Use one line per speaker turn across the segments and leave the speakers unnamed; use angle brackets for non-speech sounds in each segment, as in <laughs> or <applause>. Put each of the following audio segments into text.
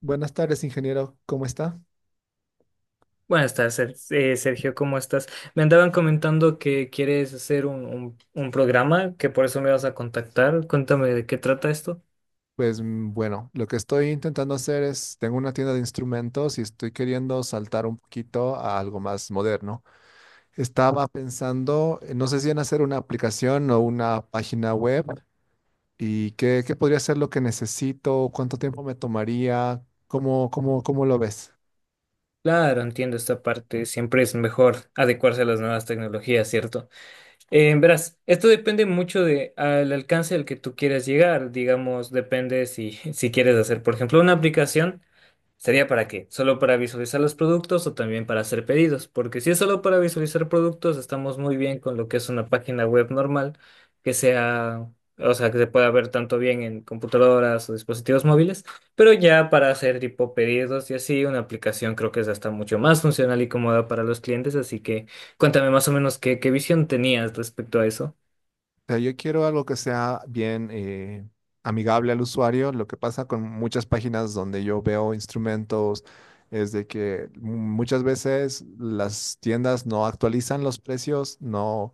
Buenas tardes, ingeniero. ¿Cómo está?
Buenas tardes, Sergio, ¿cómo estás? Me andaban comentando que quieres hacer un programa, que por eso me vas a contactar. Cuéntame de qué trata esto.
Pues bueno, lo que estoy intentando hacer es, tengo una tienda de instrumentos y estoy queriendo saltar un poquito a algo más moderno. Estaba pensando, no sé si en hacer una aplicación o una página web y qué podría ser lo que necesito, cuánto tiempo me tomaría, cómo lo ves.
Claro, entiendo esta parte. Siempre es mejor adecuarse a las nuevas tecnologías, ¿cierto? Verás, esto depende mucho de al alcance al que tú quieras llegar. Digamos, depende si, <laughs> si quieres hacer, por ejemplo, una aplicación. ¿Sería para qué? ¿Solo para visualizar los productos o también para hacer pedidos? Porque si es solo para visualizar productos, estamos muy bien con lo que es una página web normal, que sea, o sea, que se pueda ver tanto bien en computadoras o dispositivos móviles, pero ya para hacer tipo pedidos y así, una aplicación creo que es hasta mucho más funcional y cómoda para los clientes, así que cuéntame más o menos qué visión tenías respecto a eso.
Sea, yo quiero algo que sea bien amigable al usuario. Lo que pasa con muchas páginas donde yo veo instrumentos es de que muchas veces las tiendas no actualizan los precios,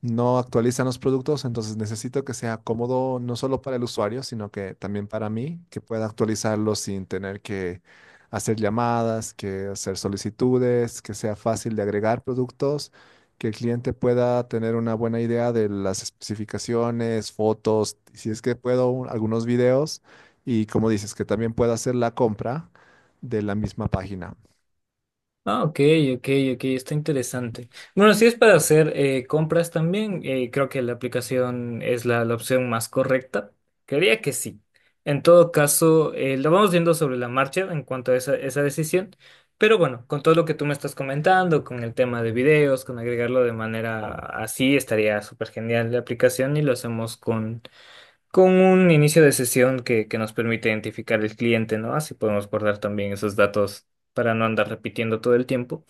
no actualizan los productos, entonces necesito que sea cómodo no solo para el usuario, sino que también para mí, que pueda actualizarlo sin tener que hacer llamadas, que hacer solicitudes, que sea fácil de agregar productos, que el cliente pueda tener una buena idea de las especificaciones, fotos, si es que puedo, algunos videos y como dices, que también pueda hacer la compra de la misma página.
Ah, ok, ok, ok, está interesante. Bueno, si es para hacer compras también, creo que la aplicación es la opción más correcta. Creería que sí. En todo caso, lo vamos viendo sobre la marcha en cuanto a esa decisión. Pero bueno, con todo lo que tú me estás comentando, con el tema de videos, con agregarlo de manera así, estaría súper genial la aplicación y lo hacemos con un inicio de sesión que nos permite identificar el cliente, ¿no? Así podemos guardar también esos datos para no andar repitiendo todo el tiempo.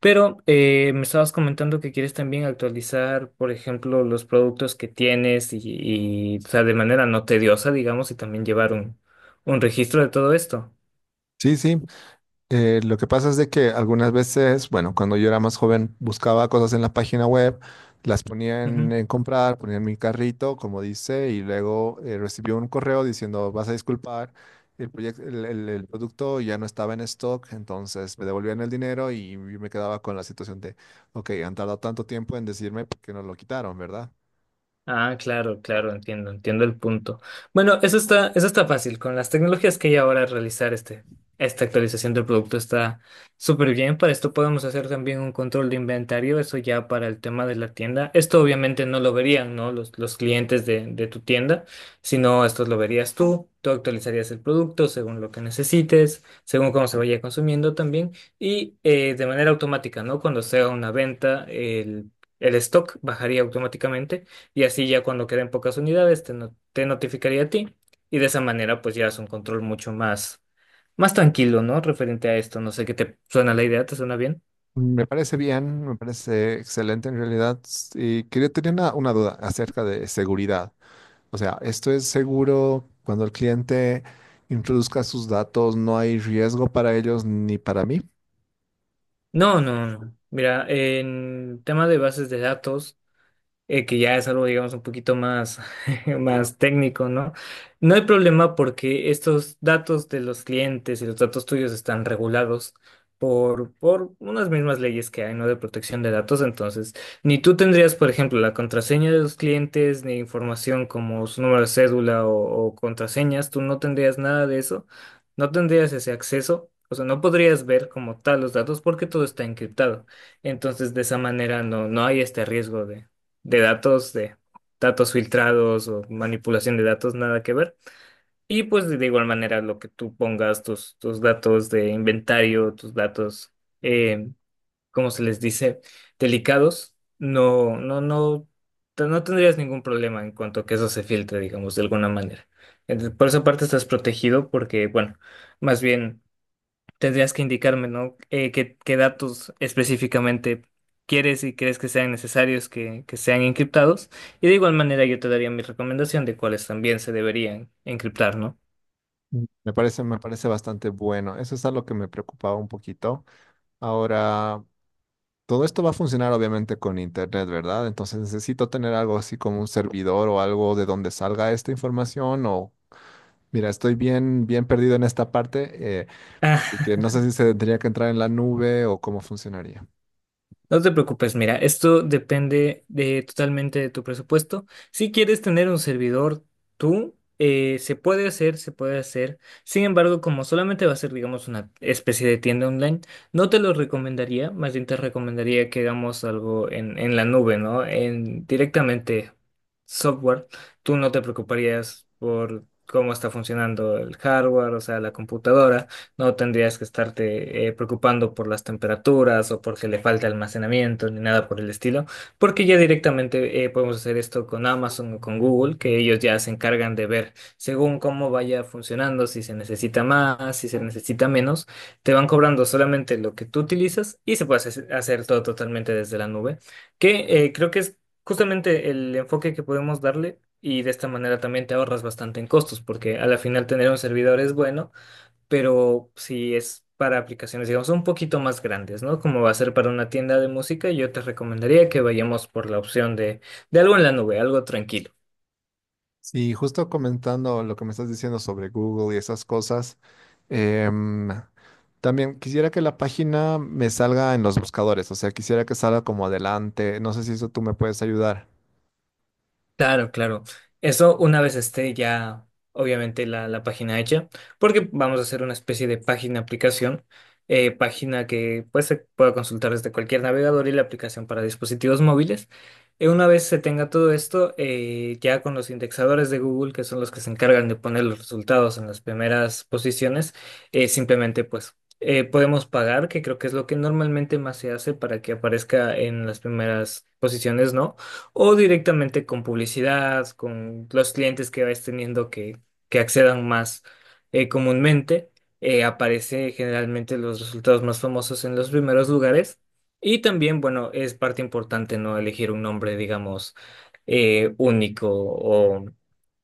Pero me estabas comentando que quieres también actualizar, por ejemplo, los productos que tienes o sea, de manera no tediosa, digamos, y también llevar un registro de todo esto.
Sí, sí, lo que pasa es de que algunas veces, bueno, cuando yo era más joven, buscaba cosas en la página web, las ponía en comprar, ponía en mi carrito, como dice, y luego recibí un correo diciendo, vas a disculpar, el, proyec- el producto ya no estaba en stock, entonces me devolvían el dinero y yo me quedaba con la situación de, ok, han tardado tanto tiempo en decirme por qué no lo quitaron, ¿verdad?
Ah, claro, claro, entiendo, entiendo el punto. Bueno, eso está fácil. Con las tecnologías que hay ahora, realizar esta actualización del producto está súper bien. Para esto podemos hacer también un control de inventario, eso ya para el tema de la tienda. Esto obviamente no lo verían, ¿no? Los clientes de tu tienda, sino esto lo verías tú. Tú actualizarías el producto según lo que necesites, según cómo se vaya consumiendo también y de manera automática, ¿no? Cuando sea una venta, el stock bajaría automáticamente y así ya cuando queden pocas unidades te, no- te notificaría a ti y de esa manera pues ya es un control mucho más, más tranquilo, ¿no? Referente a esto, no sé qué te suena la idea, ¿te suena bien?
Me parece bien, me parece excelente en realidad. Y quería tener una duda acerca de seguridad. O sea, esto es seguro cuando el cliente introduzca sus datos, no hay riesgo para ellos ni para mí.
No, no, no. Mira, en tema de bases de datos, que ya es algo, digamos, un poquito más, <laughs> más técnico, ¿no? No hay problema porque estos datos de los clientes y los datos tuyos están regulados por unas mismas leyes que hay, ¿no? De protección de datos. Entonces, ni tú tendrías, por ejemplo, la contraseña de los clientes, ni información como su número de cédula o contraseñas, tú no tendrías nada de eso, no tendrías ese acceso. O sea, no podrías ver como tal los datos porque todo está encriptado. Entonces, de esa manera no, no hay este riesgo de datos filtrados o manipulación de datos, nada que ver. Y pues de igual manera lo que tú pongas, tus datos de inventario, tus datos, eh, ¿cómo se les dice? Delicados, no, no, no, no tendrías ningún problema en cuanto a que eso se filtre, digamos, de alguna manera. Entonces, por esa parte estás protegido porque, bueno, más bien tendrías que indicarme, ¿no? Qué, qué datos específicamente quieres y crees que sean necesarios que sean encriptados. Y de igual manera yo te daría mi recomendación de cuáles también se deberían encriptar, ¿no?
Mm. Me parece bastante bueno. Eso es algo que me preocupaba un poquito. Ahora, todo esto va a funcionar obviamente con internet, ¿verdad? Entonces necesito tener algo así como un servidor o algo de donde salga esta información o mira, estoy bien, bien perdido en esta parte, así que no
<laughs>
sé si se tendría que entrar en la nube o cómo funcionaría.
No te preocupes, mira, esto depende de, totalmente de tu presupuesto. Si quieres tener un servidor tú, se puede hacer, se puede hacer. Sin embargo, como solamente va a ser, digamos, una especie de tienda online, no te lo recomendaría. Más bien te recomendaría que hagamos algo en la nube, ¿no? En directamente software. Tú no te preocuparías por cómo está funcionando el hardware, o sea, la computadora. No tendrías que estarte preocupando por las temperaturas o porque le falta almacenamiento ni nada por el estilo, porque ya directamente podemos hacer esto con Amazon o con Google, que ellos ya se encargan de ver según cómo vaya funcionando, si se necesita más, si se necesita menos, te van cobrando solamente lo que tú utilizas y se puede hacer todo totalmente desde la nube, que creo que es justamente el enfoque que podemos darle. Y de esta manera también te ahorras bastante en costos, porque a la final tener un servidor es bueno, pero si es para aplicaciones, digamos, un poquito más grandes, ¿no? Como va a ser para una tienda de música, yo te recomendaría que vayamos por la opción de algo en la nube, algo tranquilo.
Sí, justo comentando lo que me estás diciendo sobre Google y esas cosas, em, también quisiera que la página me salga en los buscadores, o sea, quisiera que salga como adelante, no sé si eso tú me puedes ayudar.
Claro, claro. Eso una vez esté ya, obviamente, la página hecha, porque vamos a hacer una especie de página aplicación, página que pues, se pueda consultar desde cualquier navegador y la aplicación para dispositivos móviles. Una vez se tenga todo esto, ya con los indexadores de Google, que son los que se encargan de poner los resultados en las primeras posiciones, simplemente pues podemos pagar, que creo que es lo que normalmente más se hace para que aparezca en las primeras posiciones, ¿no? O directamente con publicidad, con los clientes que vais teniendo que accedan más comúnmente. Aparece generalmente los resultados más famosos en los primeros lugares. Y también, bueno, es parte importante no elegir un nombre, digamos, único o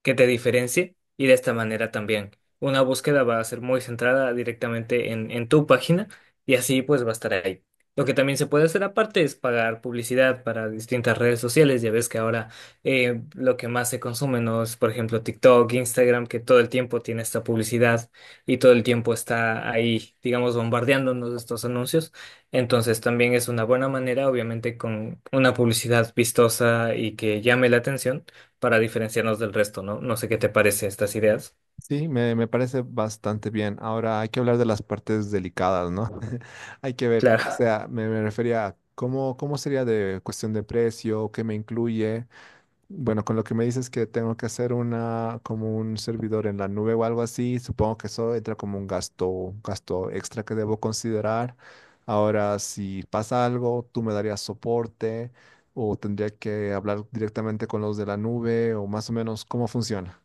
que te diferencie y de esta manera también una búsqueda va a ser muy centrada directamente en tu página y así pues va a estar ahí. Lo que también se puede hacer aparte es pagar publicidad para distintas redes sociales. Ya ves que ahora lo que más se consume no es, por ejemplo, TikTok, Instagram, que todo el tiempo tiene esta publicidad y todo el tiempo está ahí, digamos, bombardeándonos de estos anuncios. Entonces también es una buena manera, obviamente, con una publicidad vistosa y que llame la atención para diferenciarnos del resto, ¿no? No sé qué te parece estas ideas.
Sí, me parece bastante bien. Ahora hay que hablar de las partes delicadas, ¿no? <laughs> Hay que ver, o
Claro.
sea, me refería a cómo, cómo sería de cuestión de precio, qué me incluye. Bueno, con lo que me dices que tengo que hacer una como un servidor en la nube o algo así, supongo que eso entra como un gasto extra que debo considerar. Ahora, si pasa algo, tú me darías soporte o tendría que hablar directamente con los de la nube o más o menos cómo funciona.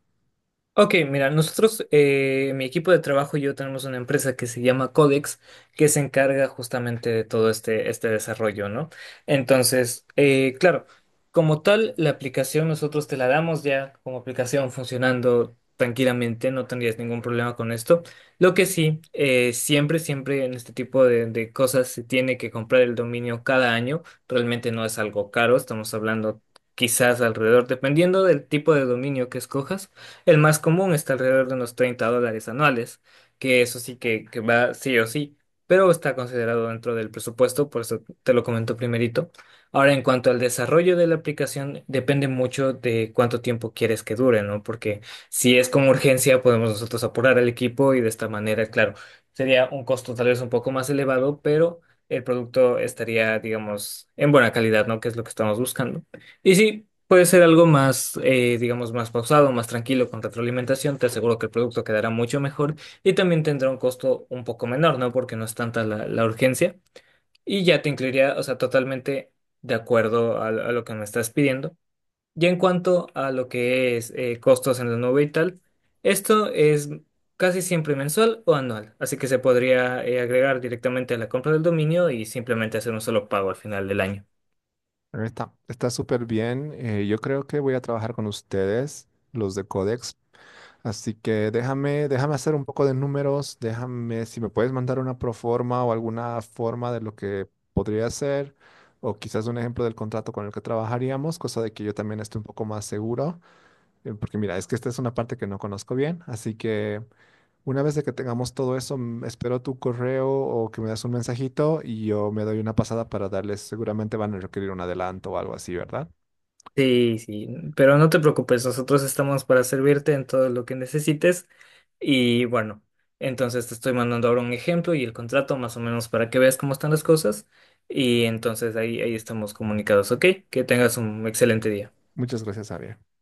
Ok, mira, nosotros, mi equipo de trabajo y yo tenemos una empresa que se llama Codex, que se encarga justamente de todo este, este desarrollo, ¿no? Entonces, claro, como tal, la aplicación nosotros te la damos ya como aplicación funcionando tranquilamente, no tendrías ningún problema con esto. Lo que sí, siempre, siempre en este tipo de cosas se tiene que comprar el dominio cada año, realmente no es algo caro, estamos hablando quizás alrededor, dependiendo del tipo de dominio que escojas el más común está alrededor de unos $30 anuales, que eso sí que va sí o sí, pero está considerado dentro del presupuesto, por eso te lo comento primerito. Ahora, en cuanto al desarrollo de la aplicación, depende mucho de cuánto tiempo quieres que dure, ¿no? Porque si es con urgencia, podemos nosotros apurar al equipo y de esta manera, claro, sería un costo tal vez un poco más elevado, pero el producto estaría, digamos, en buena calidad, ¿no? Que es lo que estamos buscando. Y sí, puede ser algo más, digamos, más pausado, más tranquilo con retroalimentación. Te aseguro que el producto quedará mucho mejor y también tendrá un costo un poco menor, ¿no? Porque no es tanta la, la urgencia y ya te incluiría, o sea, totalmente de acuerdo a lo que me estás pidiendo. Y en cuanto a lo que es costos en la nube y tal, esto es casi siempre mensual o anual, así que se podría agregar directamente a la compra del dominio y simplemente hacer un solo pago al final del año.
Está, está súper bien. Yo creo que voy a trabajar con ustedes, los de Codex. Así que déjame, déjame hacer un poco de números, déjame si me puedes mandar una proforma o alguna forma de lo que podría ser, o quizás un ejemplo del contrato con el que trabajaríamos, cosa de que yo también esté un poco más seguro, porque mira, es que esta es una parte que no conozco bien, así que una vez de que tengamos todo eso, espero tu correo o que me das un mensajito y yo me doy una pasada para darles, seguramente van a requerir un adelanto o algo así, ¿verdad?
Sí, sí, pero no te preocupes, nosotros estamos para servirte en todo lo que necesites y bueno, entonces te estoy mandando ahora un ejemplo y el contrato más o menos para que veas cómo están las cosas y entonces ahí, ahí estamos comunicados, ¿ok? Que tengas un excelente día.
Muchas gracias, Ariel.